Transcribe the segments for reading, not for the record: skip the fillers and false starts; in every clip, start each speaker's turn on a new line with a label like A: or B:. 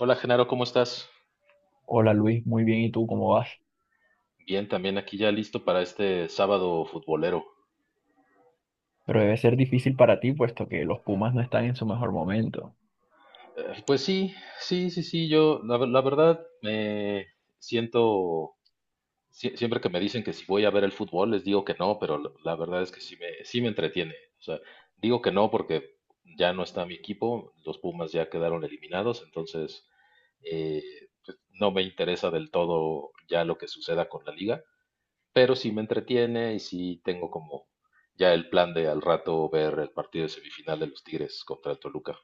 A: Hola Genaro, ¿cómo estás?
B: Hola Luis, muy bien, ¿y tú cómo vas?
A: Bien, también aquí ya listo para este sábado futbolero.
B: Pero debe ser difícil para ti, puesto que los Pumas no están en su mejor momento.
A: Pues sí, sí, sí, sí, yo la verdad me siento, siempre que me dicen que si voy a ver el fútbol, les digo que no, pero la verdad es que sí me entretiene. O sea, digo que no porque ya no está mi equipo, los Pumas ya quedaron eliminados, entonces eh, pues no me interesa del todo ya lo que suceda con la liga. Pero sí me entretiene y sí tengo como ya el plan de al rato ver el partido de semifinal de los Tigres contra el Toluca.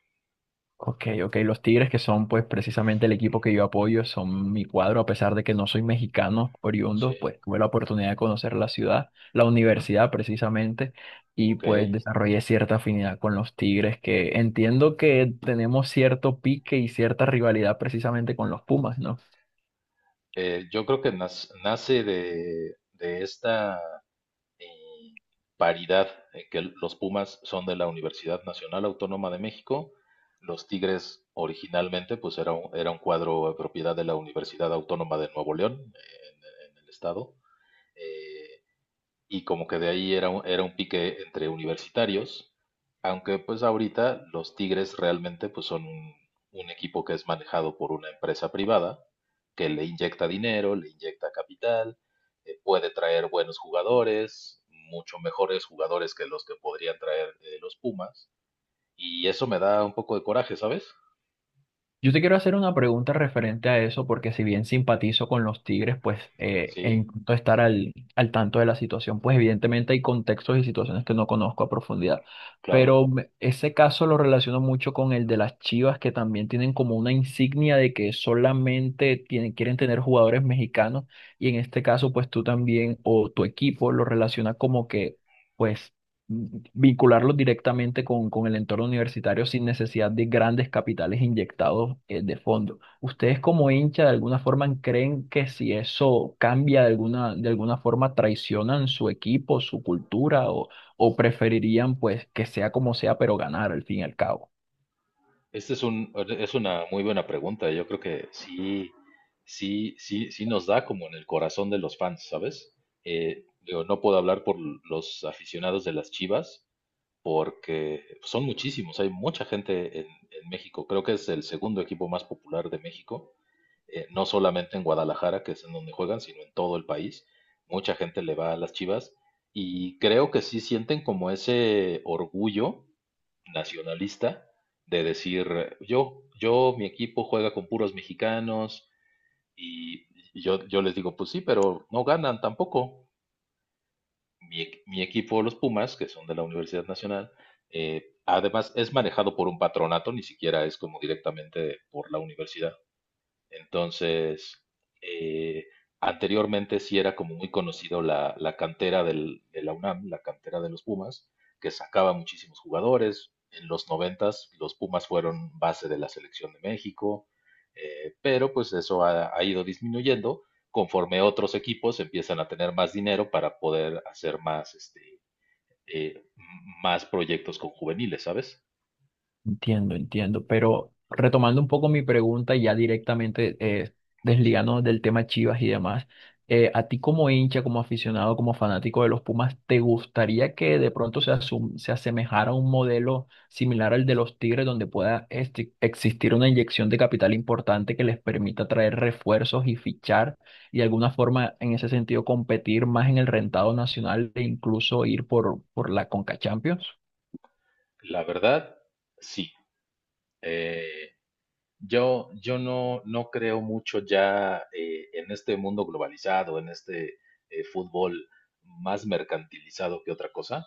B: Ok, ok, los Tigres, que son pues precisamente el equipo que yo apoyo, son mi cuadro, a pesar de que no soy mexicano oriundo,
A: Sí,
B: pues tuve la oportunidad de conocer la ciudad, la universidad precisamente, y
A: ok.
B: pues desarrollé cierta afinidad con los Tigres, que entiendo que tenemos cierto pique y cierta rivalidad precisamente con los Pumas, ¿no?
A: Yo creo que nace de esta eh, paridad en que los Pumas son de la Universidad Nacional Autónoma de México. Los Tigres originalmente pues era un cuadro de propiedad de la Universidad Autónoma de Nuevo León, en el estado. Eh, y como que de ahí era un pique entre universitarios, aunque pues ahorita los Tigres realmente pues son un equipo que es manejado por una empresa privada que le inyecta dinero, le inyecta capital, puede traer buenos jugadores, mucho mejores jugadores que los que podrían traer los Pumas, y eso me da un poco de coraje, ¿sabes?
B: Yo te quiero hacer una pregunta referente a eso, porque si bien simpatizo con los Tigres, pues e
A: Sí,
B: intento estar al tanto de la situación, pues evidentemente hay contextos y situaciones que no conozco a profundidad,
A: claro.
B: pero ese caso lo relaciono mucho con el de las Chivas, que también tienen como una insignia de que solamente tienen, quieren tener jugadores mexicanos, y en este caso, pues tú también o tu equipo lo relaciona como que... Pues vincularlos directamente con el entorno universitario sin necesidad de grandes capitales inyectados de fondo. ¿Ustedes como hincha de alguna forma creen que si eso cambia de alguna forma traicionan su equipo, su cultura o preferirían pues que sea como sea pero ganar al fin y al cabo?
A: Este es una muy buena pregunta. Yo creo que sí, sí, sí, sí nos da como en el corazón de los fans, ¿sabes? Digo, no puedo hablar por los aficionados de las Chivas, porque son muchísimos. Hay mucha gente en México. Creo que es el segundo equipo más popular de México, no solamente en Guadalajara, que es en donde juegan, sino en todo el país. Mucha gente le va a las Chivas y creo que sí sienten como ese orgullo nacionalista de decir, yo, mi equipo juega con puros mexicanos y yo les digo, pues sí, pero no ganan tampoco. Mi mi equipo, los Pumas, que son de la Universidad Nacional, además es manejado por un patronato, ni siquiera es como directamente por la universidad. Entonces, eh, anteriormente sí era como muy conocido la cantera de la UNAM, la cantera de los Pumas, que sacaba muchísimos jugadores. En los noventas los Pumas fueron base de la selección de México, pero pues eso ha, ha ido disminuyendo conforme otros equipos empiezan a tener más dinero para poder hacer más, eh, m- más proyectos con juveniles, ¿sabes?
B: Entiendo, entiendo, pero retomando un poco mi pregunta y ya directamente
A: Sí.
B: desligándonos del tema Chivas y demás, a ti como hincha, como aficionado, como fanático de los Pumas, ¿te gustaría que de pronto se asemejara a un modelo similar al de los Tigres donde pueda existir una inyección de capital importante que les permita traer refuerzos y fichar y de alguna forma en ese sentido competir más en el rentado nacional e incluso ir por la Conca Champions?
A: La verdad, sí. Eh, yo, yo no creo mucho ya, en este mundo globalizado, en este fútbol más mercantilizado que otra cosa.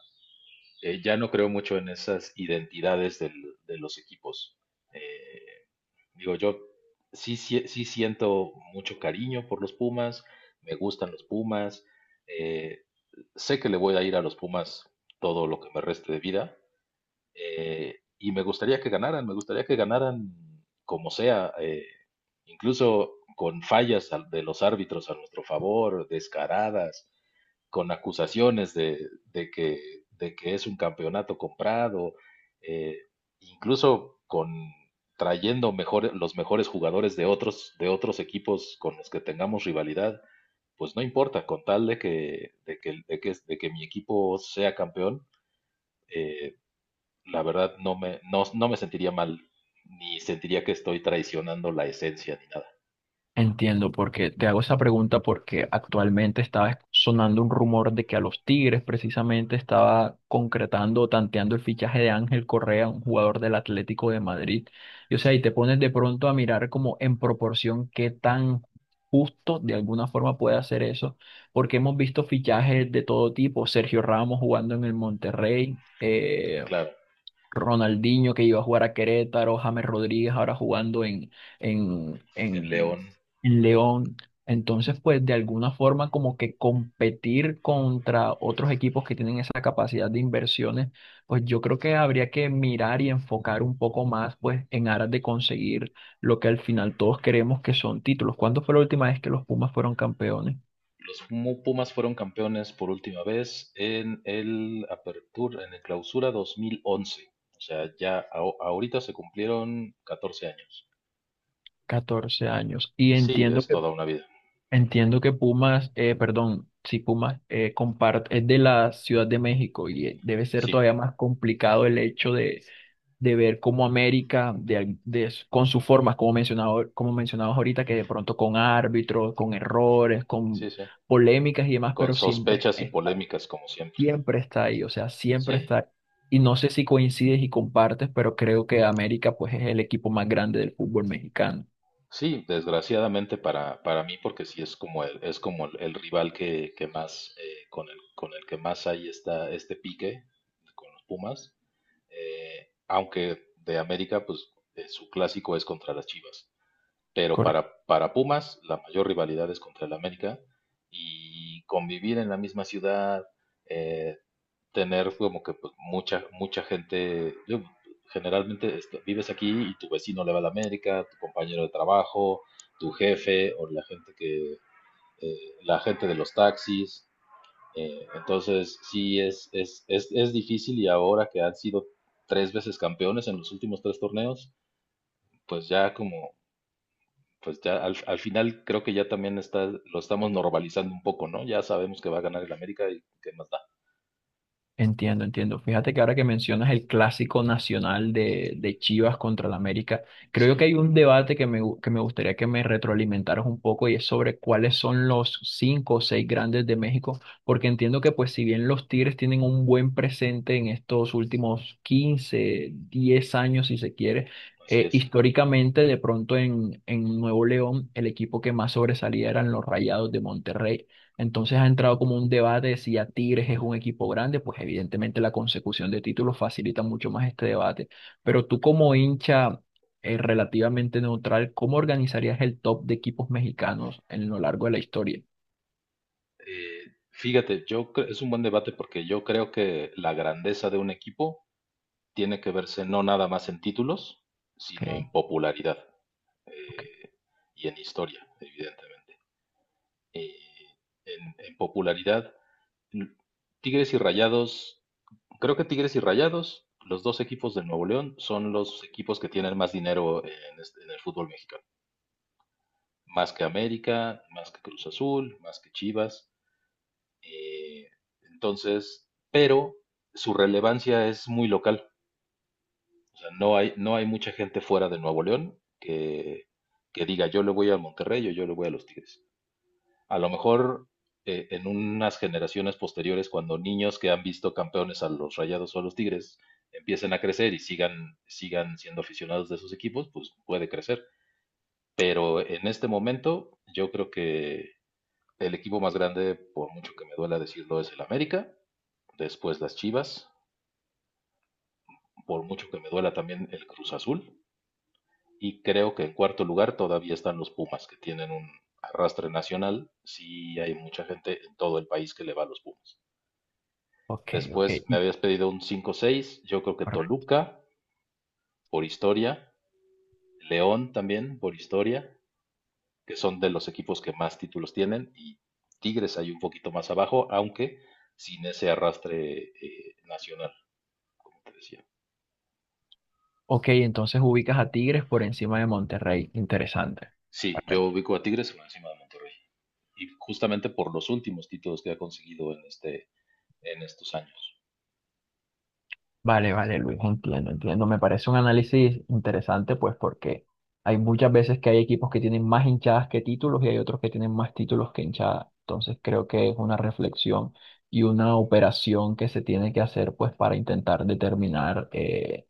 A: Ya no creo mucho en esas identidades de los equipos. Eh, digo, yo sí, sí sí siento mucho cariño por los Pumas, me gustan los Pumas, eh, sé que le voy a ir a los Pumas todo lo que me reste de vida, y me gustaría que ganaran, me gustaría que ganaran como sea, incluso con fallas de los árbitros a nuestro favor, descaradas, con acusaciones de, de que, de que es un campeonato comprado, eh, incluso con trayendo mejor, los mejores jugadores de otros equipos con los que tengamos rivalidad, pues no importa, con tal de que mi equipo sea campeón, eh, la verdad no me sentiría mal, ni sentiría que estoy traicionando la esencia ni nada.
B: Entiendo, porque te hago esa pregunta porque actualmente estaba sonando un rumor de que a los Tigres precisamente estaba concretando, o tanteando el fichaje de Ángel Correa, un jugador del Atlético de Madrid. Y o sea,
A: Sí,
B: y te pones de pronto a mirar como en proporción qué tan justo de alguna forma puede hacer eso, porque hemos visto fichajes de todo tipo, Sergio Ramos jugando en el Monterrey.
A: claro,
B: Ronaldinho que iba a jugar a Querétaro, James Rodríguez ahora jugando en,
A: el
B: en,
A: León.
B: en León. Entonces, pues de alguna forma como que competir contra otros equipos que tienen esa capacidad de inversiones, pues yo creo que habría que mirar y enfocar un poco más pues en aras de conseguir lo que al final todos queremos que son títulos. ¿Cuándo fue la última vez que los Pumas fueron campeones?
A: Los Pumas fueron campeones por última vez en el Apertura, en el Clausura 2011. O sea, ya ahorita se cumplieron 14 años.
B: 14 años. Y
A: Sí,
B: entiendo
A: es
B: que
A: toda una vida.
B: Entiendo que Pumas, perdón, si Pumas comparte, es de la Ciudad de México y debe ser
A: Sí,
B: todavía más complicado el hecho de ver cómo América, de, al- de- con sus formas, como mencionado, como mencionabas ahorita, que de pronto con árbitros, con errores,
A: sí,
B: con
A: sí.
B: polémicas y demás,
A: Con
B: pero
A: sospechas y polémicas como siempre.
B: siempre está ahí, o sea, siempre
A: Sí,
B: está. Y no sé si coincides y compartes, pero creo que América pues es el equipo más grande del fútbol mexicano.
A: sí, desgraciadamente para mí, porque sí es como el rival que más, con el que más hay está este pique con los Pumas, aunque de América, pues su clásico es contra las Chivas, pero para Pumas la mayor rivalidad es contra el América y convivir en la misma ciudad, eh, tener como que pues, mucha, mucha gente, yo, generalmente este, vives aquí y tu vecino le va a la América, tu compañero de trabajo, tu jefe o la gente la gente de los taxis. Entonces, sí, es difícil y ahora que han sido tres veces campeones en los últimos tres torneos, pues ya como, pues ya al final creo que ya también está, lo estamos normalizando un poco, ¿no? Ya sabemos que va a ganar el América y qué más da.
B: Entiendo, entiendo. Fíjate que ahora que mencionas el clásico nacional de Chivas contra el América, creo que
A: Sí,
B: hay un debate que me gustaría que me retroalimentaras un poco y es sobre cuáles son los cinco o seis grandes de México, porque entiendo que pues si bien los Tigres tienen un buen presente en estos últimos 15, 10 años si se quiere,
A: así es.
B: históricamente de pronto en Nuevo León el equipo que más sobresalía eran los Rayados de Monterrey. Entonces ha entrado como un debate de si ya Tigres es un equipo grande, pues evidentemente la consecución de títulos facilita mucho más este debate. Pero tú como hincha relativamente neutral, ¿cómo organizarías el top de equipos mexicanos en lo largo de la historia?
A: Fíjate, yo es un buen debate porque yo creo que la grandeza de un equipo tiene que verse no nada más en títulos, sino en
B: Ok,
A: popularidad,
B: ok,
A: eh, y en historia, evidentemente. Y en popularidad, l- Tigres y Rayados, creo que Tigres y Rayados, los dos equipos del Nuevo León, son los equipos que tienen más dinero en, en el fútbol mexicano. Más que América, más que Cruz Azul, más que Chivas. Eh, entonces, pero su relevancia es muy local. O sea, no hay mucha gente fuera de Nuevo León que diga yo le voy al Monterrey o yo le voy a los Tigres. A lo mejor en unas generaciones posteriores, cuando niños que han visto campeones a los Rayados o a los Tigres empiecen a crecer y sigan, sigan siendo aficionados de esos equipos, pues puede crecer. Pero en este momento yo creo que el equipo más grande, por mucho que me duela decirlo, es el América. Después las Chivas. Por mucho que me duela también el Cruz Azul. Y creo que en cuarto lugar todavía están los Pumas, que tienen un arrastre nacional. Sí hay mucha gente en todo el país que le va a los Pumas.
B: ok, ok.
A: Después me habías pedido un cinco seis. Yo creo que
B: Correcto.
A: Toluca, por historia. León también, por historia. Que son de los equipos que más títulos tienen. Y Tigres hay un poquito más abajo, aunque sin ese arrastre nacional, te decía.
B: Ok, entonces ubicas a Tigres por encima de Monterrey. Interesante.
A: Sí, yo ubico a Tigres por encima de Monterrey. Y justamente por los últimos títulos que ha conseguido en este, en estos años.
B: Vale, vale, Luis, entiendo, entiendo. Me parece un análisis interesante, pues porque hay muchas veces que hay equipos que tienen más hinchadas que títulos y hay otros que tienen más títulos que hinchadas. Entonces creo que es una reflexión y una operación que se tiene que hacer, pues para intentar determinar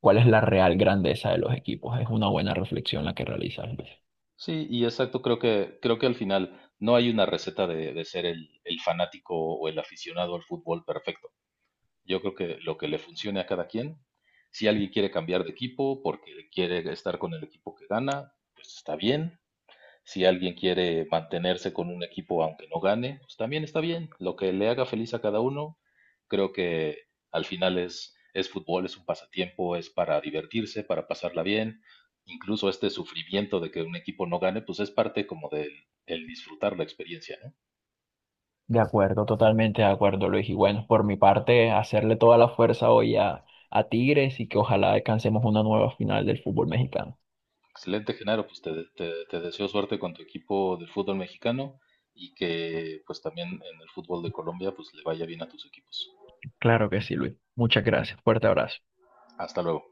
B: cuál es la real grandeza de los equipos. Es una buena reflexión la que realizas, Luis.
A: Sí, y exacto, creo que al final no hay una receta de ser el fanático o el aficionado al fútbol perfecto. Yo creo que lo que le funcione a cada quien, si alguien quiere cambiar de equipo porque quiere estar con el equipo que gana, pues está bien. Si alguien quiere mantenerse con un equipo aunque no gane, pues también está bien. Lo que le haga feliz a cada uno, creo que al final es fútbol, es un pasatiempo, es para divertirse, para pasarla bien. Incluso este sufrimiento de que un equipo no gane, pues es parte como del, del disfrutar la experiencia, ¿no?
B: De acuerdo, totalmente de acuerdo, Luis. Y bueno, por mi parte, hacerle toda la fuerza hoy a Tigres y que ojalá alcancemos una nueva final del fútbol mexicano.
A: Excelente, Genaro, pues te, te deseo suerte con tu equipo del fútbol mexicano y que pues también en el fútbol de Colombia pues le vaya bien a tus equipos.
B: Claro que sí, Luis. Muchas gracias. Fuerte abrazo.
A: Hasta luego.